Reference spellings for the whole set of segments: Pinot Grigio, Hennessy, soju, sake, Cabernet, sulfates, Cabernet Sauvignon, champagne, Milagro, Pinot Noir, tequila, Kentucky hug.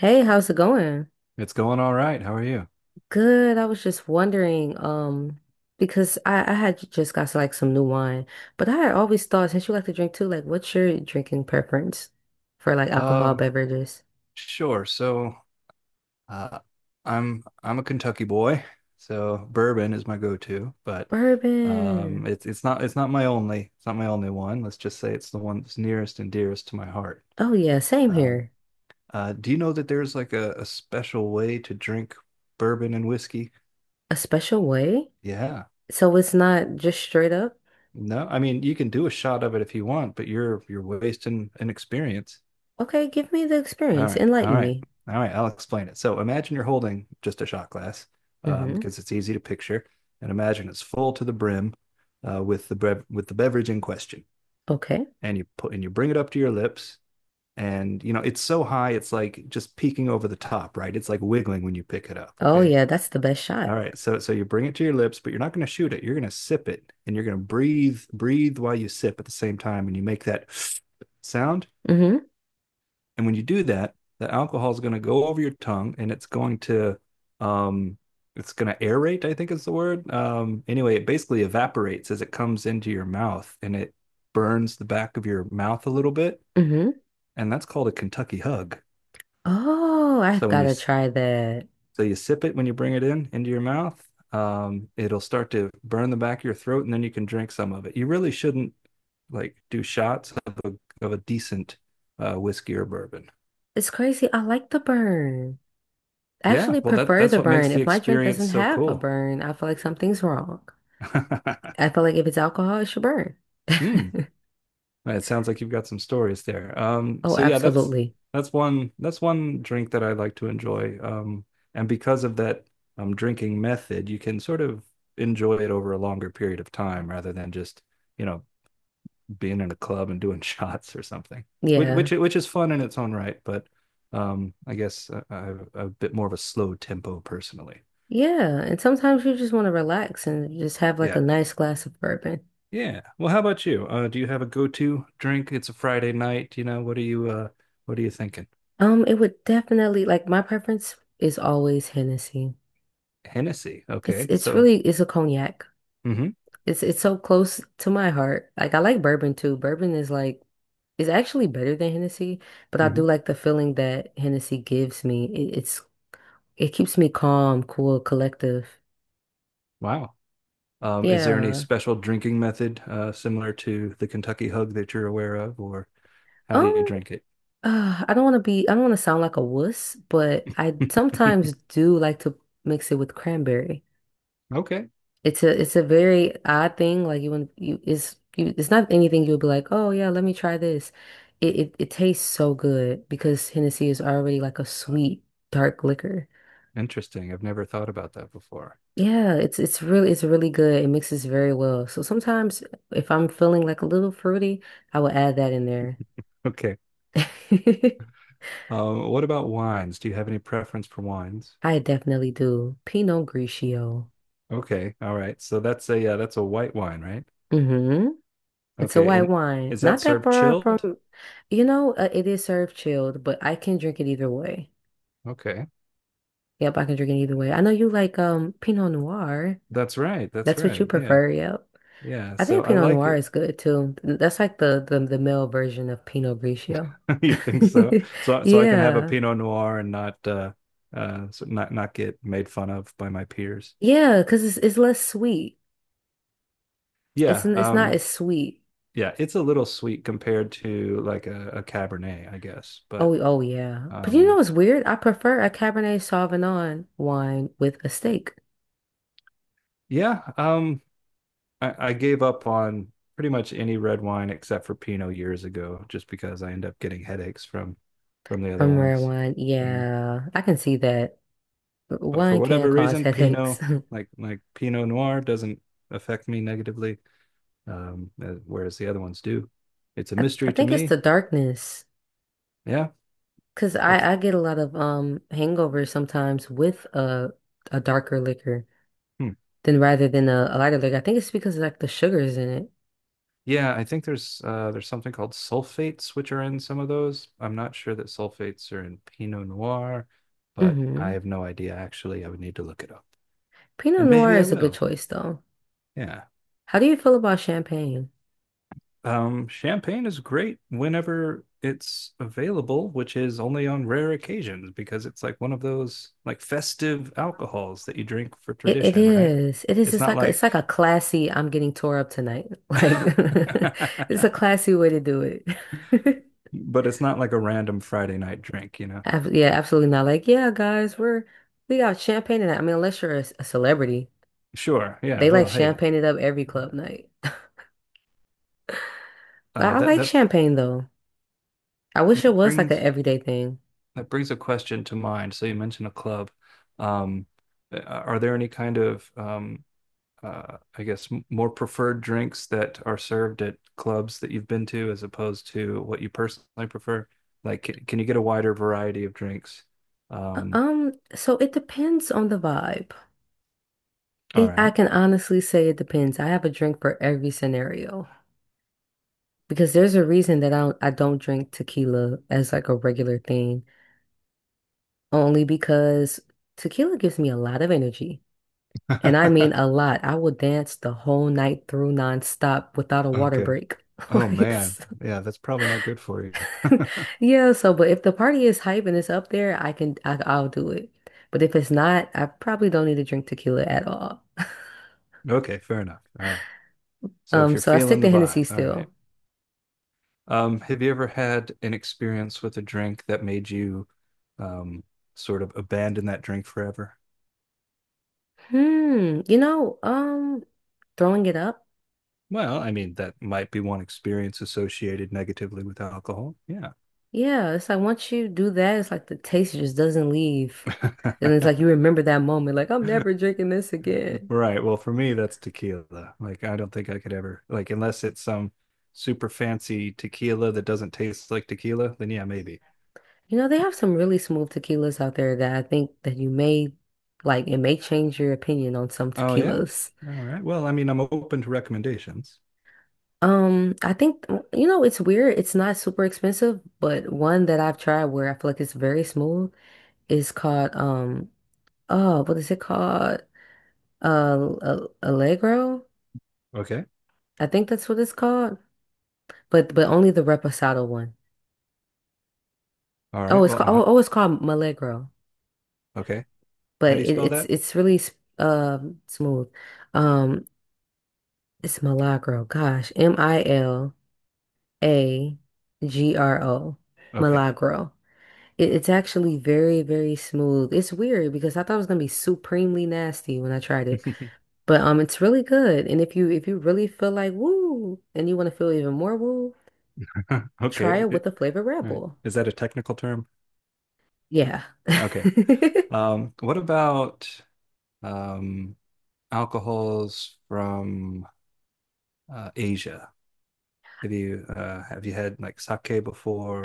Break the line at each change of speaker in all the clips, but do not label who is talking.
Hey, how's it going?
It's going all right. How are you?
Good. I was just wondering, because I had just got like some new wine, but I had always thought since you like to drink too, like what's your drinking preference for like alcohol
Um,
beverages?
sure. Uh, I'm a Kentucky boy, so bourbon is my go-to, but
Bourbon.
it's not my only one. Let's just say it's the one that's nearest and dearest to my heart.
Oh yeah, same
Um,
here.
do you know that there's like a special way to drink bourbon and whiskey?
A special way?
Yeah.
So it's not just straight up.
No, I mean you can do a shot of it if you want, but you're wasting an experience.
Okay, give me the
All
experience.
right. All
Enlighten
right.
me.
All right. I'll explain it. So imagine you're holding just a shot glass
Mm-hmm.
because it's easy to picture. And imagine it's full to the brim with the with the beverage in question.
Okay.
And you bring it up to your lips. And you know, it's so high, it's like just peeking over the top, right? It's like wiggling when you pick it up.
Oh
Okay.
yeah, that's the best
All
shot.
right. So you bring it to your lips, but you're not going to shoot it. You're going to sip it and you're going to breathe, breathe while you sip at the same time. And you make that sound,
Mm-hmm.
and when you do that, the alcohol is going to go over your tongue and um it's going to aerate, I think is the word. Anyway, it basically evaporates as it comes into your mouth and it burns the back of your mouth a little bit,
Mm-hmm.
and that's called a Kentucky hug.
Oh, I've
So when you
gotta try that.
you sip it when you bring it in into your mouth, it'll start to burn the back of your throat and then you can drink some of it. You really shouldn't like do shots of a decent whiskey or bourbon.
It's crazy. I like the burn. I
Yeah,
actually
well that
prefer
that's
the
what
burn.
makes the
If my drink
experience
doesn't
so
have a
cool.
burn, I feel like something's wrong. I feel like if it's alcohol, it should burn.
Hmm. It sounds like you've got some stories there.
Oh,
So yeah,
absolutely.
that's one drink that I like to enjoy. And because of that drinking method, you can sort of enjoy it over a longer period of time rather than just, you know, being in a club and doing shots or something. Which
Yeah.
which which is fun in its own right, but I guess I'm a bit more of a slow tempo personally.
Yeah. And sometimes you just want to relax and just have like a
Yeah.
nice glass of bourbon.
Yeah. Well, how about you? Do you have a go-to drink? It's a Friday night, you know. What are you thinking?
It would definitely like my preference is always Hennessy.
Hennessy.
It's
Okay.
it's
So,
really it's a cognac.
hmm
It's so close to my heart. Like I like bourbon too. Bourbon is like is actually better than Hennessy, but I
hmm.
do like the feeling that Hennessy gives me. It's It keeps me calm, cool, collective.
Wow. Is there any
Yeah.
special drinking method similar to the Kentucky Hug that you're aware of, or how do you
Um,
drink it?
I don't want to I don't want to sound like a wuss, but I sometimes do like to mix it with cranberry.
Okay.
It's a very odd thing. Like you wouldn't, it's not anything you would be like, oh yeah, let me try this. It tastes so good because Hennessy is already like a sweet, dark liquor.
Interesting. I've never thought about that before.
Yeah, it's really, it's really good. It mixes very well. So sometimes if I'm feeling like a little fruity, I will add that in there.
Okay. What about wines? Do you have any preference for wines?
I definitely do. Pinot Grigio.
Okay. All right. So that's a, yeah, that's a white wine, right?
Hmm. It's a
Okay.
white
And
wine.
is that
Not that
served
far
chilled?
from, it is served chilled, but I can drink it either way.
Okay.
Yep, I can drink it either way. I know you like Pinot Noir.
That's right. That's
That's what you
right. Yeah.
prefer, yep.
Yeah.
I
So
think
I
Pinot
like
Noir
it.
is good too. That's like the male version of Pinot Grigio.
You think so? So I can have a
Yeah.
Pinot Noir and not so not get made fun of by my peers.
Yeah, because it's less sweet. It's
Yeah.
it's not as sweet.
Yeah, it's a little sweet compared to like a Cabernet, I guess. But
Oh, oh yeah. But you know
um
what's weird? I prefer a Cabernet Sauvignon wine with a steak
yeah, I gave up on pretty much any red wine except for Pinot years ago just because I end up getting headaches from the other
from red
ones.
wine.
Mm.
Yeah, I can see that.
But for
Wine can
whatever
cause
reason, Pinot,
headaches.
like Pinot Noir, doesn't affect me negatively, whereas the other ones do. It's a
I
mystery to
think it's the
me.
darkness.
Yeah, I th-
I get a lot of hangovers sometimes with a darker liquor
hmm.
than rather than a lighter liquor. I think it's because of, like the sugars in it.
Yeah. I think there's something called sulfates, which are in some of those. I'm not sure that sulfates are in Pinot Noir, but I
Hmm.
have no idea. Actually, I would need to look it up,
Pinot
and
Noir
maybe I
is a good
will.
choice though.
Yeah.
How do you feel about champagne?
Champagne is great whenever it's available, which is only on rare occasions because it's like one of those like festive alcohols that you drink for
It it
tradition, right?
is. It is.
It's
It's
not
like it's like a
like,
classy. I'm getting tore up tonight. Like it's a classy way to do it.
but it's not like a random Friday night drink, you know?
Yeah, absolutely not. Like, yeah, guys, we got champagne tonight. I mean, unless you're a celebrity,
Sure, yeah.
they like
Well, hey,
champagne it up every
yeah.
club night. But I
That
like
that
champagne though. I wish it was like an
brings
everyday thing.
brings a question to mind. So you mentioned a club. Um, are there any kind of I guess more preferred drinks that are served at clubs that you've been to as opposed to what you personally prefer? Like, can you get a wider variety of drinks? Um,
So it depends on the vibe.
all
It I
right.
can honestly say it depends. I have a drink for every scenario. Because there's a reason that I don't drink tequila as like a regular thing, only because tequila gives me a lot of energy. And I mean a lot. I will dance the whole night through nonstop without a water
Okay.
break.
Oh
Like,
man.
so-
Yeah, that's probably not good for you.
yeah, so but if the party is hype and it's up there, I'll do it. But if it's not, I probably don't need to drink tequila at all.
Okay, fair enough. All right. So if you're
So I stick
feeling the
to
vibe,
Hennessy
all right.
still.
Have you ever had an experience with a drink that made you um sort of abandon that drink forever?
Hmm, you know, throwing it up.
Well, I mean, that might be one experience associated negatively with alcohol. Yeah.
Yeah, it's like once you do that, it's like the taste just doesn't leave. And it's like you remember that moment, like I'm never drinking this again.
Right. Well, for me, that's tequila. Like, I don't think I could ever, like, unless it's some super fancy tequila that doesn't taste like tequila, then yeah, maybe.
You know, they have some really smooth tequilas out there that I think that you may like it may change your opinion on some
Oh, yeah.
tequilas.
All right. Well, I mean, I'm open to recommendations.
I think you know, it's weird, it's not super expensive, but one that I've tried where I feel like it's very smooth is called oh, what is it called? Allegro.
Okay.
I think that's what it's called. But only the reposado one.
All
Oh,
right.
it's
Well,
called
uh-huh.
it's called Milagro,
Okay. How
but
do you
it,
spell
it's
that?
it's really smooth. Um, it's Milagro. Gosh, Milagro,
Okay.
Milagro. It, it's actually very very smooth. It's weird because I thought it was gonna be supremely nasty when I tried it, but it's really good. And if you really feel like woo, and you want to feel even more woo, try
Okay.
it with
It-
the flavored Red
all right.
Bull.
Is that a technical term?
Yeah.
Okay. What about um alcohols from Asia? Have you had like sake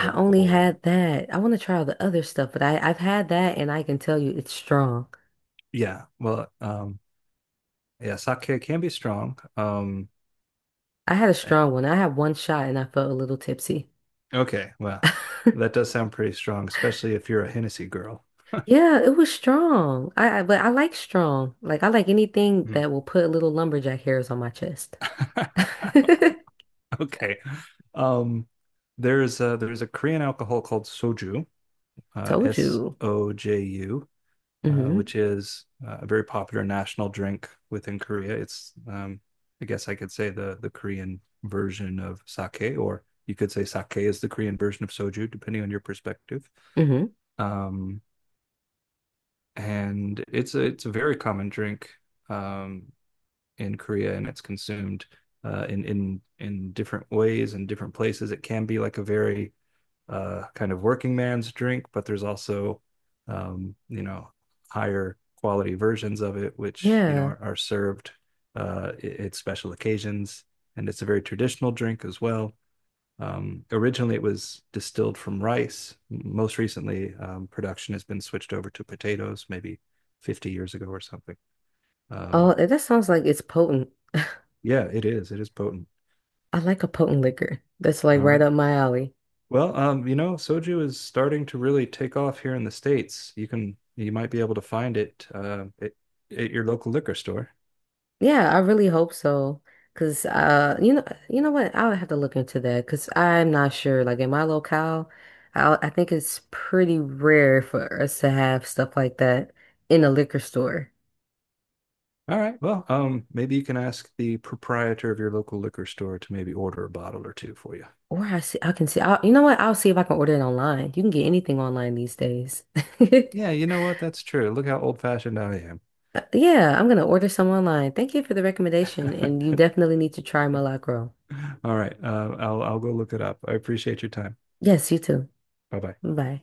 I only
or
had that. I want to try all the other stuff, but I've had that and I can tell you it's strong.
yeah, well, yeah, sake can be strong.
I had a
Eh,
strong one. I had one shot and I felt a little tipsy.
okay, well, that does sound pretty strong, especially if you're a Hennessy girl.
Yeah, it was strong. I but I like strong. Like I like anything
Mm.
that will put little lumberjack hairs on my chest.
Okay. Um, there's a Korean alcohol called soju,
Told you.
S-O-J-U. Uh,
Hmm.
which is a very popular national drink within Korea. It's, I guess I could say the Korean version of sake, or you could say sake is the Korean version of soju, depending on your perspective.
Hmm.
Um, and it's a, it's a very common drink um, in Korea, and it's consumed in different ways and different places. It can be like a very kind of working man's drink, but there's also, you know, higher quality versions of it, which, you know,
Yeah.
are served at special occasions. And it's a very traditional drink as well. Originally, it was distilled from rice. Most recently, production has been switched over to potatoes, maybe 50 years ago or something.
Oh,
Um,
that sounds like it's potent.
yeah, it is. It is potent.
I like a potent liquor. That's like
All
right
right.
up my alley.
Well, you know, soju is starting to really take off here in the States. You might be able to find it, at your local liquor store.
Yeah, I really hope so. Cause uh, you know, you know what? I will have to look into that because I'm not sure. Like in my locale, I think it's pretty rare for us to have stuff like that in a liquor store.
All right. Well, maybe you can ask the proprietor of your local liquor store to maybe order a bottle or two for you.
I can see. You know what? I'll see if I can order it online. You can get anything online these days.
Yeah, you know what? That's true. Look how old-fashioned I am.
Yeah, I'm gonna order some online. Thank you for the recommendation, and you definitely need to try Malacro.
All right. I'll go look it up. I appreciate your time.
Yes, you too.
Bye bye.
Bye.